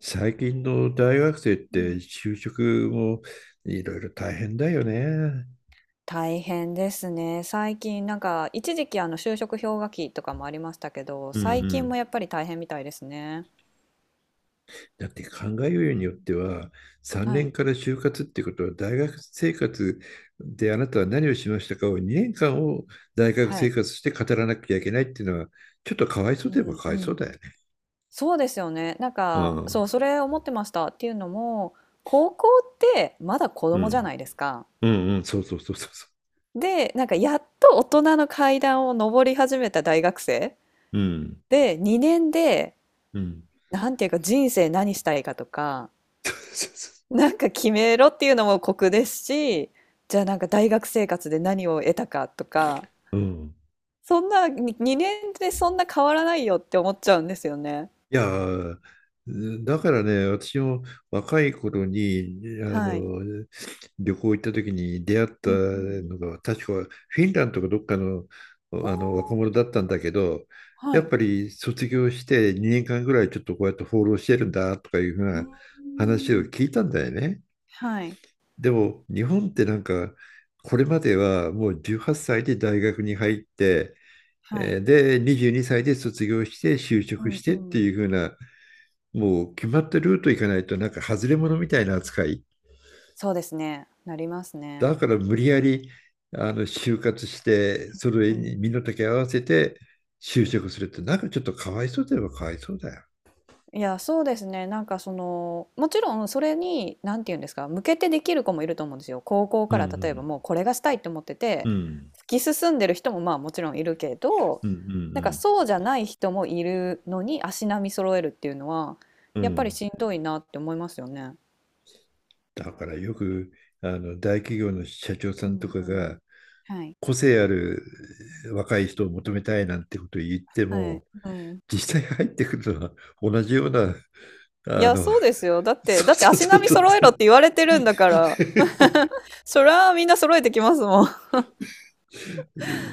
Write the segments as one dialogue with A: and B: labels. A: 最近の大学生っ
B: う
A: て
B: ん。
A: 就職もいろいろ大変だよね。
B: 大変ですね。最近なんか一時期就職氷河期とかもありましたけど、
A: うんう
B: 最近
A: ん。
B: もやっぱり大変みたいですね。
A: だって考えようによって
B: うん。
A: は3
B: は
A: 年
B: い。
A: から就活ってことは大学生活であなたは何をしましたかを2年間を大学
B: は
A: 生
B: い。
A: 活して語らなきゃいけないっていうのはちょっとかわいそ
B: う
A: うといえば
B: ん
A: かわ
B: う
A: いそう
B: ん。
A: だよね。
B: そうですよね。なん
A: う
B: か、そう、
A: ん
B: それ思ってました。っていうのも、高校ってまだ子
A: う
B: 供じゃ
A: ん。
B: ないですか。
A: うんうん。そうそうそうそうそ
B: で、なんかやっと大人の階段を上り始めた大学生
A: う。うん
B: で、2年で、
A: うん。
B: なんていうか人生何したいかとか、
A: そうそうそ
B: なんか決めろっていうのも酷ですし、じゃあなんか大学生活で何を得たかとか、
A: う。うん。
B: そんなに2年でそんな変わらないよって思っちゃうんですよね。
A: いやー、だからね、私も若い頃にあ
B: はい。
A: の旅行行った時に出会った
B: うんうん。
A: のが、確かフィンランドかどっかの、
B: あ
A: 若者だったんだけど、
B: あ、は
A: やっ
B: い。
A: ぱり卒業して2年間ぐらいちょっとこうやって放浪してるんだとかいうふう
B: う
A: な
B: ー
A: 話を
B: ん。
A: 聞いたんだよね。
B: はい、
A: でも日本ってなんか、これまではもう18歳で大学に入って、
B: は
A: え
B: い。
A: ーで、22歳で卒業して就
B: う
A: 職し
B: んう
A: てって
B: ん。
A: いう風なもう決まったルート行かないとなんか外れ者みたいな扱い。
B: そうですね、なりますね。
A: だから無理やり就活して、それ
B: うんうん。
A: に身の丈合わせて就職するってなんかちょっとかわいそうといえばかわいそうだよ。
B: いや、そうですね。なんかその、もちろんそれに、なんて言うんですか、向けてできる子もいると思うんですよ。高校
A: う
B: から例えば
A: ん
B: もうこれがしたいって思って
A: う
B: て、
A: んうん
B: 突き進んでる人もまあもちろんいるけど、
A: うんう
B: なんか
A: ん
B: そうじゃない人もいるのに足並み揃えるっていうのは、
A: うん。う
B: やっぱり
A: ん。
B: しんどいなって思いますよね。
A: だからよく大企業の社長さ
B: う
A: んと
B: ん
A: か
B: う
A: が
B: ん。はい。
A: 個性ある若い人を求めたいなんてことを言って
B: はい。
A: も、
B: うん。
A: 実際入ってくるのは同じような。
B: い
A: あ
B: や、
A: の
B: そうですよ。だって、
A: そ
B: だ
A: う
B: って
A: そう
B: 足
A: そう
B: 並み
A: そう。
B: 揃えろって言われてるんだから、そりゃみんな揃えてきますもん。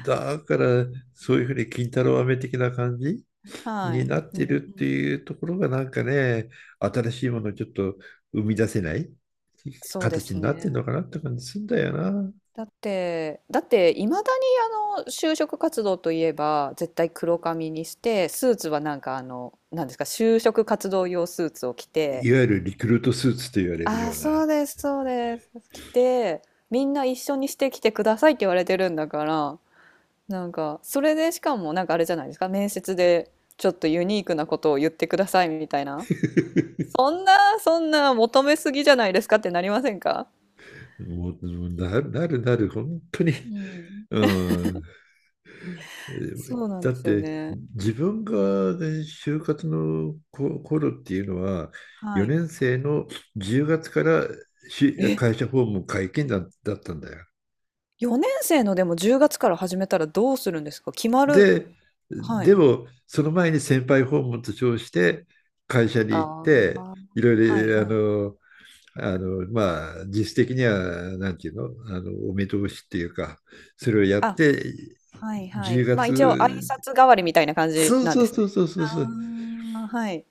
A: だから、そういうふうに金太郎飴的な感じ
B: は
A: に
B: い。
A: なっ
B: うん
A: てる
B: う
A: ってい
B: ん。
A: うところがなんかね、新しいものをちょっと生み出せない
B: そうで
A: 形
B: す
A: になってん
B: ね。
A: のかなって感じするんだよな。
B: だっていまだに就職活動といえば絶対黒髪にしてスーツはなんかなんですか就職活動用スーツを着て
A: いわゆるリクルートスーツと言われる
B: 「あ
A: よ
B: あ
A: う
B: そう
A: な。
B: ですそうです」着て、みんな一緒にしてきてくださいって言われてるんだから、なんかそれでしかもなんかあれじゃないですか、面接でちょっとユニークなことを言ってくださいみたいな、 そんなそんな求めすぎじゃないですかってなりませんか？
A: もうなるなるなる、本当に。
B: うん、
A: うん。
B: そうなん
A: だっ
B: ですよ
A: て
B: ね。
A: 自分が、ね、就活の頃っていうのは、
B: は
A: 4
B: い。
A: 年生の10月から会社訪問解禁だったんだよ。
B: 4年生のでも10月から始めたらどうするんですか？決まる。
A: で、
B: は
A: で
B: い。
A: もその前に先輩訪問と称して会社に
B: あ
A: 行っ
B: あ、
A: て、いろ
B: は
A: い
B: いはい。
A: ろまあ、実質的にはなんていうの、お目通しっていうか、それをやっ
B: あ、
A: て。
B: はいは
A: 10
B: い。ま、一応挨
A: 月
B: 拶代わりみたいな感じ
A: そう
B: なん
A: そ
B: で
A: う
B: すね。
A: そうそうそうそう。
B: ああ、はい。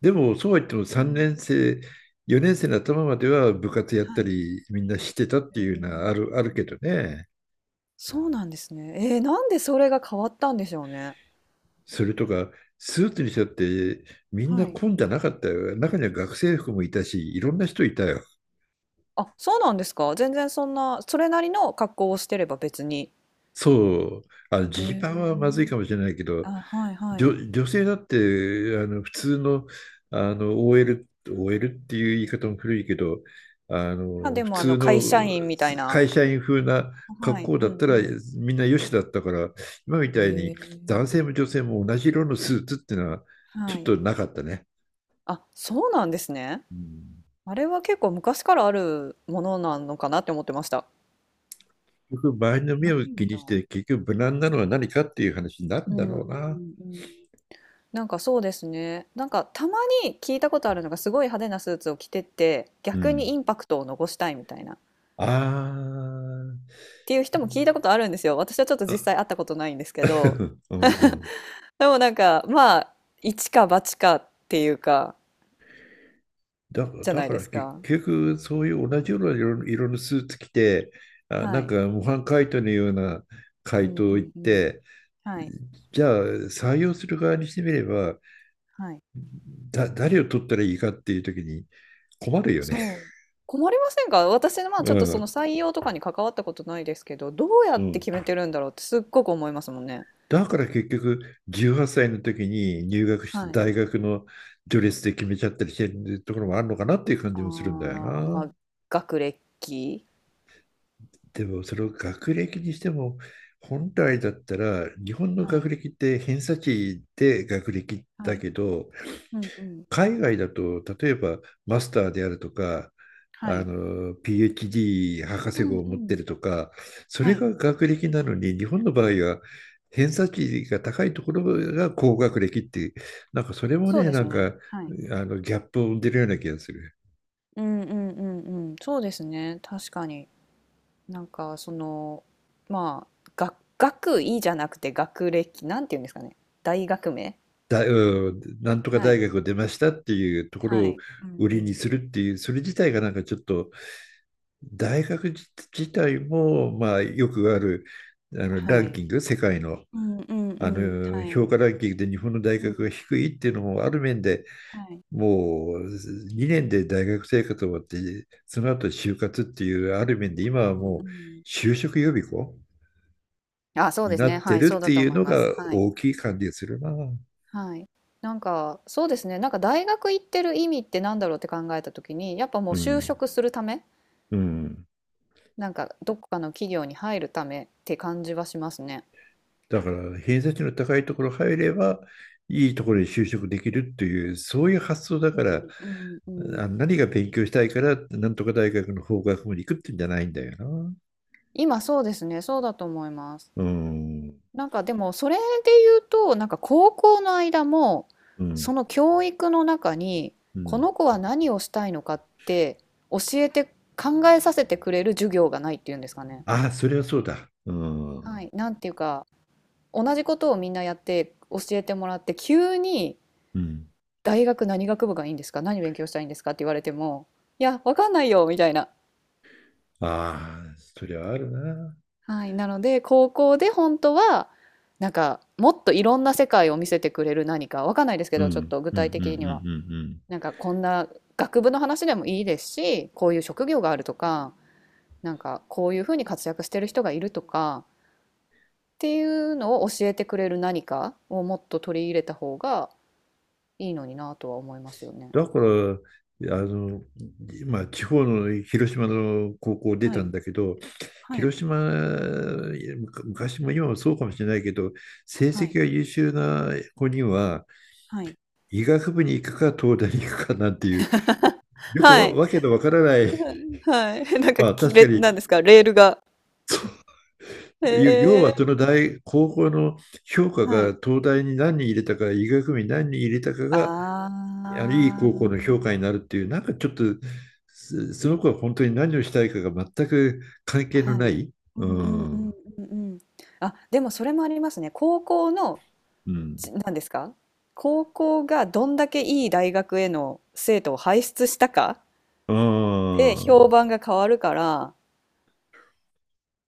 A: でも、そうは言っても
B: う
A: 3
B: ん。
A: 年生、4年生の頭までは部活やっ
B: は
A: た
B: い。
A: り、みんなしてたって
B: え
A: いうのはあ
B: ー
A: る、あるけどね。
B: そうなんですね。なんでそれが変わったんでしょうね。
A: それとか、スーツにしたって、みんな
B: はい。
A: 混んじゃなかったよ。中には学生服もいたし、いろんな人いたよ。
B: あ、そうなんですか？全然そんな、それなりの格好をしてれば別に。
A: そう、ジ
B: へ
A: ーパンはまずい
B: え。
A: かもしれないけど、
B: あ、はいはい。
A: 女性だって、普通の、OL、オーエルっていう言い方も古いけど、
B: ま、で
A: 普
B: も
A: 通の
B: 会社員みたいな。
A: 会社員風な
B: は
A: 格
B: い、
A: 好
B: う
A: だっ
B: ん
A: たら、
B: う
A: みんなよしだったから、今み
B: ん。
A: たい
B: へ
A: に
B: え。
A: 男性も女性も同じ色のスーツっていうのは、ち
B: は
A: ょっ
B: い。
A: となかったね。
B: あ、そうなんですね。
A: うん。
B: あれは結構昔からあるものなのかなって思ってました。
A: 結局、周りの目
B: な
A: を
B: い
A: 気
B: んだ。
A: にして、結局、無難なのは何かっていう話になる
B: う
A: んだ
B: んうん
A: ろう
B: う
A: な。
B: ん。なんかそうですね。なんかたまに聞いたことあるのがすごい派手なスーツを着てて
A: う
B: 逆に
A: ん。
B: インパクトを残したいみたいなっ
A: あ
B: ていう人も聞いたことあるんですよ。私はちょっと実際
A: あ。
B: 会ったことないんですけど。
A: うんうん。
B: でもなんかまあ一か八かっていうか
A: だから、
B: じゃ
A: だ
B: ない
A: か
B: で
A: ら
B: す
A: 結
B: か。
A: 局、そういう同じような色のスーツ着て、あ、
B: は
A: なん
B: い。
A: か模範解答のような
B: う
A: 回
B: んう
A: 答を言っ
B: んうん。
A: て、
B: はい。
A: じゃあ採用する側にしてみれば、
B: はい。
A: 誰を取ったらいいかっていう時に困るよね。
B: そう。困りませんか？私の、まあ、
A: う
B: ちょっとその
A: ん。
B: 採用とかに関わったことないですけど、どうや
A: う
B: って
A: ん。
B: 決めてるんだろうってすっごく思いますもんね。
A: だから結局、18歳の時に入学し
B: は
A: た
B: い。
A: 大学の序列で決めちゃったりしてるところもあるのかなっていう感
B: あ
A: じ
B: あ、
A: もするんだよ
B: ま
A: な。
B: あ、学歴？
A: でも、その学歴にしても、本来だったら日本の
B: は
A: 学
B: い。
A: 歴って偏差値で学歴
B: は
A: だ
B: い。
A: けど、
B: うんうん。
A: 海外だと例えばマスターであるとか、
B: はい。
A: PhD 博
B: う
A: 士
B: ん
A: 号を
B: う
A: 持って
B: ん。
A: るとか、そ
B: は
A: れ
B: い。
A: が学歴なのに、日本の場合は偏差値が高いところが高学歴っていう、なんかそれも
B: そう
A: ね、
B: で
A: な
B: す
A: んか
B: ね。はい。
A: ギャップを生んでるような気がする。
B: うんうんうんうん。そうですね、確かに。なんかその、まあ、学位じゃなくて学歴、なんて言うんですかね、大学名？
A: うん、なんとか
B: は
A: 大
B: い。
A: 学を出ましたっていうとこ
B: は
A: ろを
B: い。うん
A: 売
B: う
A: りに
B: ん。
A: するっていう、それ自体がなんかちょっと、大学自体も、まあ、よくある、ラ
B: は
A: ン
B: い。
A: キング、世界の、
B: うんうんうん。は
A: 評
B: い。
A: 価ランキングで日本の大
B: う
A: 学
B: ん。
A: が低いっていうのも、ある面で
B: はい。
A: もう2年で大学生活終わって、その後就活っていう、ある面で今は
B: うん、う
A: もう
B: ん。
A: 就職予備校
B: あ、そう
A: に
B: です
A: な
B: ね。
A: っ
B: は
A: て
B: い、
A: るっ
B: そうだ
A: て
B: と
A: いう
B: 思い
A: の
B: ます。
A: が
B: はい。
A: 大きい感じがするな。う
B: はい。なんか、そうですね。なんか大学行ってる意味ってなんだろうって考えた時に、やっぱもう就
A: ん。
B: 職するため、
A: うん。
B: なんかどっかの企業に入るためって感じはしますね。
A: だから偏差値の高いところ入ればいいところに就職できるっていうそういう発想だから
B: うんうんうん。
A: あ何が勉強したいからなんとか大学の法学部に行くってんじゃないんだよな。
B: 今そうですね。そうだと思います。
A: うん
B: なんかでもそれで言うと、なんか高校の間も、
A: う
B: そ
A: ん
B: の教育の中に
A: う
B: こ
A: ん。
B: の子は何をしたいのかって教えて考えさせてくれる授業がないっていうんですかね。
A: あ、それはそうだ。う
B: は
A: ん
B: い、なんていうか同じことをみんなやって教えてもらって急に
A: うん。
B: 大学何学部がいいんですか、何勉強したいいんですかって言われても、いやわかんないよみたいな。
A: ああ、それはあるな。
B: はい、なので高校で本当はなんかもっといろんな世界を見せてくれる何か、わかんないですけ
A: うん
B: ど
A: う
B: ちょっ
A: ん
B: と具
A: うんう
B: 体
A: んう
B: 的には。
A: んうん。
B: なんかこんな学部の話でもいいですし、こういう職業があるとか、なんかこういうふうに活躍してる人がいるとかっていうのを教えてくれる何かをもっと取り入れた方がいいのになとは思いますよね。
A: だからあの、まあ、地方の広島の高校出
B: は
A: たん
B: い、
A: だけど、
B: はい、
A: 広島、昔も今もそうかもしれないけど、成
B: はい、
A: 績が優秀な子には、
B: はい。
A: 医学部に行くか、東大に行くかなんていう、よく
B: は
A: わ、
B: い。
A: わけのわからない、
B: はい。なんか、
A: まあ
B: き
A: 確
B: れ
A: かに、
B: なんですか、レールが。へ
A: 要はそ
B: え。
A: の大、高校の評価
B: は
A: が
B: い。
A: 東大に何人入れたか、医学部に何人入れたか
B: あ
A: が、いい高校の評価
B: あ。
A: になるっていう、なんかちょっと、その子は本当に何をしたいかが全く関係の
B: は
A: な
B: い。
A: い。
B: う
A: う
B: んうんうん
A: ん。
B: うんうん。あ、でもそれもありますね。高校の
A: うん。
B: なんですか、高校がどんだけいい大学への生徒を輩出したか
A: あ
B: で評
A: あ。
B: 判が変わるから、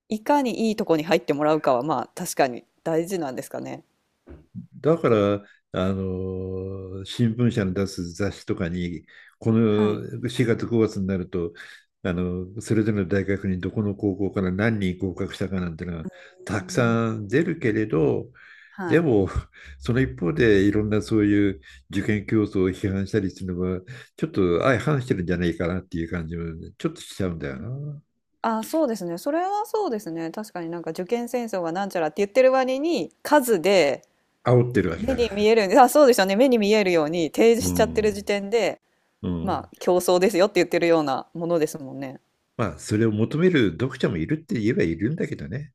B: いかにいいとこに入ってもらうかはまあ確かに大事なんですかね。
A: だから、新聞社の出す雑誌とかに、こ
B: はい。
A: の4月5月になると、それぞれの大学にどこの高校から何人合格したかなんてのが
B: う
A: たく
B: ん。
A: さん出るけれど、
B: は
A: で
B: い。
A: も、その一方でいろんなそういう受験競争を批判したりするのは、ちょっと相反してるんじゃないかなっていう感じもちょっとしちゃうんだよな。
B: あ、そうですね。それはそうですね。確かになんか受験戦争がなんちゃらって言ってる割に数で
A: 煽ってるわけ
B: 目
A: だか
B: に
A: ら。
B: 見える、あ、そうですよね。目に見えるように提
A: う
B: 示しちゃってる時
A: ん。
B: 点で、
A: う
B: まあ
A: ん。
B: 競争ですよって言ってるようなものですもんね。
A: まあ、それを求める読者もいるって言えばいるんだけどね。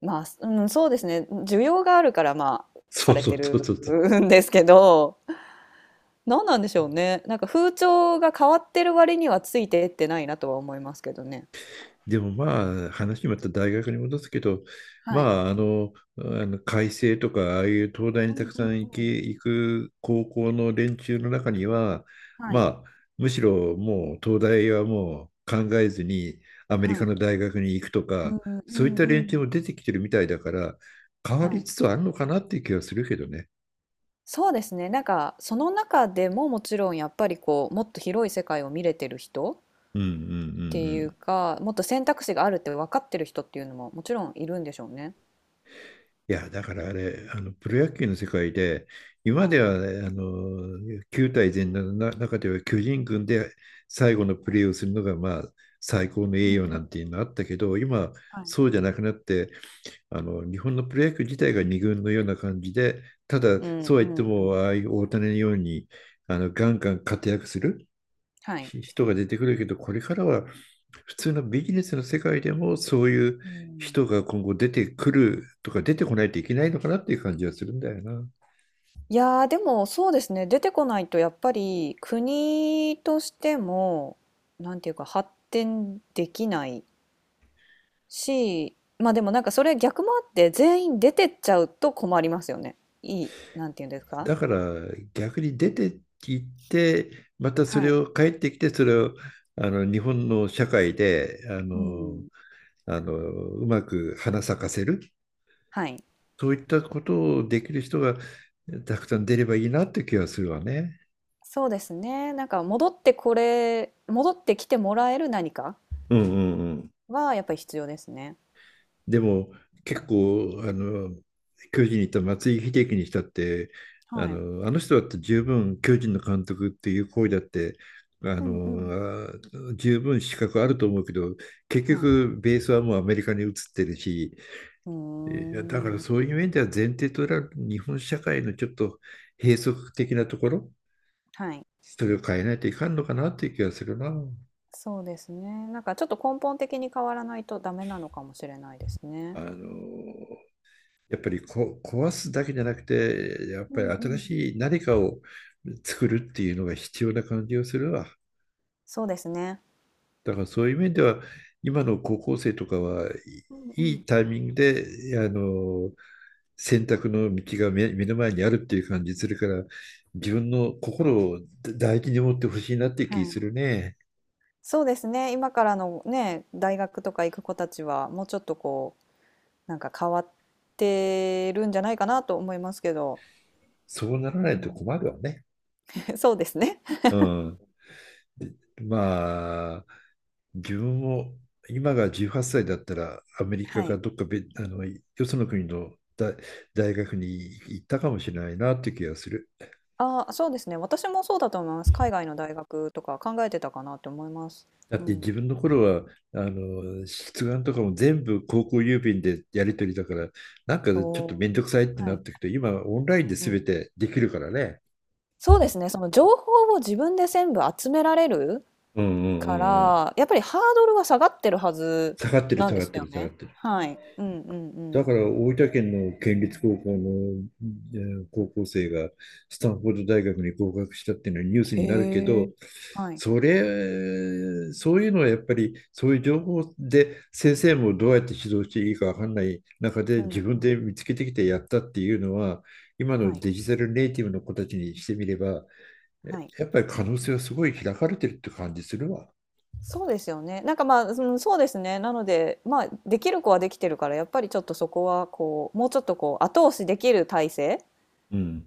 B: まあ、うん、そうですね。需要があるから、まあ、
A: そ
B: さ
A: う
B: れ
A: そ
B: て
A: うそう
B: る
A: そうそう。
B: んですけど、何なんでしょうね。なんか風潮が変わってる割にはついてってないなとは思いますけどね。
A: でもまあ、話また大学に戻すけど、
B: はい。
A: まあ開成とかああいう東大に
B: う
A: た
B: ん
A: く
B: う
A: さ
B: ん
A: ん行き、
B: うん。
A: 行く高校の連中の中には、
B: はい。
A: まあ、むしろもう東大はもう考えずにアメリ
B: は
A: カ
B: い。
A: の大学に行くと
B: うん
A: か、
B: うんう
A: そういっ
B: ん
A: た
B: う
A: 連中
B: ん。
A: も出てきてるみたいだから、変わ
B: は
A: り
B: い。
A: つつあるのかなっていう気はするけどね。
B: そうですね。なんかその中でももちろんやっぱりこうもっと広い世界を見れてる人っ
A: うんうんうんう
B: ていう
A: ん。
B: か、もっと選択肢があるって分かってる人っていうのももちろんいるんでしょうね。
A: いや、だからあれ、プロ野球の世界で、今ま
B: は
A: で
B: い。
A: は、ね、球対全のな中では巨人軍で最後のプレーをするのが、まあ、最高の
B: う
A: 栄
B: んう
A: 誉なん
B: ん。
A: ていうのあったけど、今、
B: はい。
A: そうじゃなくなって、日本のプロ野球自体が二軍のような感じで、ただ、
B: うん
A: そうは
B: う
A: 言って
B: んう
A: も、
B: ん。
A: ああいう大谷のように、ガンガン活躍する
B: はい。
A: 人が出てくるけど、これからは普通のビジネスの世界でもそういう
B: うん、
A: 人が今後出てくるとか、出てこないといけないのかなっていう感じはするんだよな。
B: いやーでもそうですね、出てこないとやっぱり国としてもなんていうか発展できないし、まあでもなんかそれ逆もあって全員出てっちゃうと困りますよね。いいなんていうんですか。
A: だから逆に出て行って、またそ
B: は
A: れ
B: い、
A: を帰ってきて、それを日本の社会で
B: うん、
A: うまく花咲かせる、
B: はい。
A: そういったことをできる人がたくさん出ればいいなって気がするわね。
B: そうですね、なんか戻ってきてもらえる何か
A: うんうんうん。
B: はやっぱり必要ですね。
A: でも結構巨人にいた松井秀喜にしたって、
B: はい、
A: あの人だって十分巨人の監督っていう行為だって、
B: うんうん、
A: 十分資格あると思うけど、結
B: はい、
A: 局ベースはもうアメリカに移ってるし、
B: うー
A: だからそうい
B: ん、
A: う面では、前提となる日本社会のちょっと閉塞的なところ、
B: はい。
A: それを変えないといかんのかなっていう気がするな。
B: そうですね。なんかちょっと根本的に変わらないとダメなのかもしれないですね。
A: あのやっぱり壊すだけじゃなくて、やっ
B: う
A: ぱり
B: んう
A: 新
B: ん。
A: しい何かを作るっていうのが必要な感じがするわ。
B: そうですね。
A: だからそういう面では、今の高校生とかは
B: うんう
A: い
B: ん。
A: いタイミングで、選択の道が目の前にあるっていう感じするから、自分の心を大事に持ってほしいなっていう
B: は
A: 気
B: い。
A: するね。
B: そうですね。今からのね、大学とか行く子たちは、もうちょっとこう、なんか変わってるんじゃないかなと思いますけど。
A: そうなら
B: う
A: ないと
B: ん
A: 困るわね。
B: そうですね。
A: うん。まあ、自分も今が18歳だったらアメリカ
B: は
A: か
B: い。
A: どっかべあのよその国の大学に行ったかもしれないなっていう気がする。
B: ああ、そうですね。私もそうだと思います。海外の大学とか考えてたかなって思います。
A: だ
B: う
A: って
B: ん。
A: 自分の頃は出願とかも全部高校郵便でやり取りだから、なんかち
B: お
A: ょっと面
B: お。
A: 倒くさいって
B: は
A: なっ
B: い。
A: てくと、今オンライ
B: う
A: ン
B: ん
A: で
B: う
A: 全
B: ん。
A: てできるからね。
B: そうですね。その情報を自分で全部集められる
A: うんうんう
B: か
A: んうん。
B: ら、やっぱりハードルは下がってるはず
A: 下がってる
B: なん
A: 下
B: で
A: がっ
B: す
A: て
B: よ
A: る下がっ
B: ね。
A: てる。
B: はい。うんうんう
A: だ
B: ん。
A: から大分県の県立高校の、高校生がスタンフォード大学に合格したっていうのはニュースになるけ
B: へ
A: ど、
B: え。はい。
A: それ、そういうのはやっぱりそういう情報で先生もどうやって指導していいかわかんない中で
B: うん
A: 自
B: う
A: 分で見
B: ん。
A: つけてきてやったっていうのは、今の
B: はい、
A: デジタルネイティブの子たちにしてみれば、
B: はい。
A: やっぱり可能性はすごい開かれてるって感じするわ。
B: そうですよね。なんか、まあ、その、そうですね。なので、まあ、できる子はできてるから、やっぱりちょっとそこはこう、もうちょっとこう、後押しできる体制
A: うん。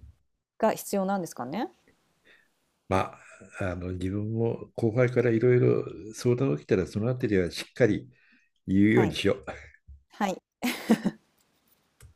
B: が必要なんですかね。
A: まあ、自分も後輩からいろいろ相談を受けたら、そのあたりはしっかり言うよ
B: は
A: うに
B: い。
A: しよう。
B: はい。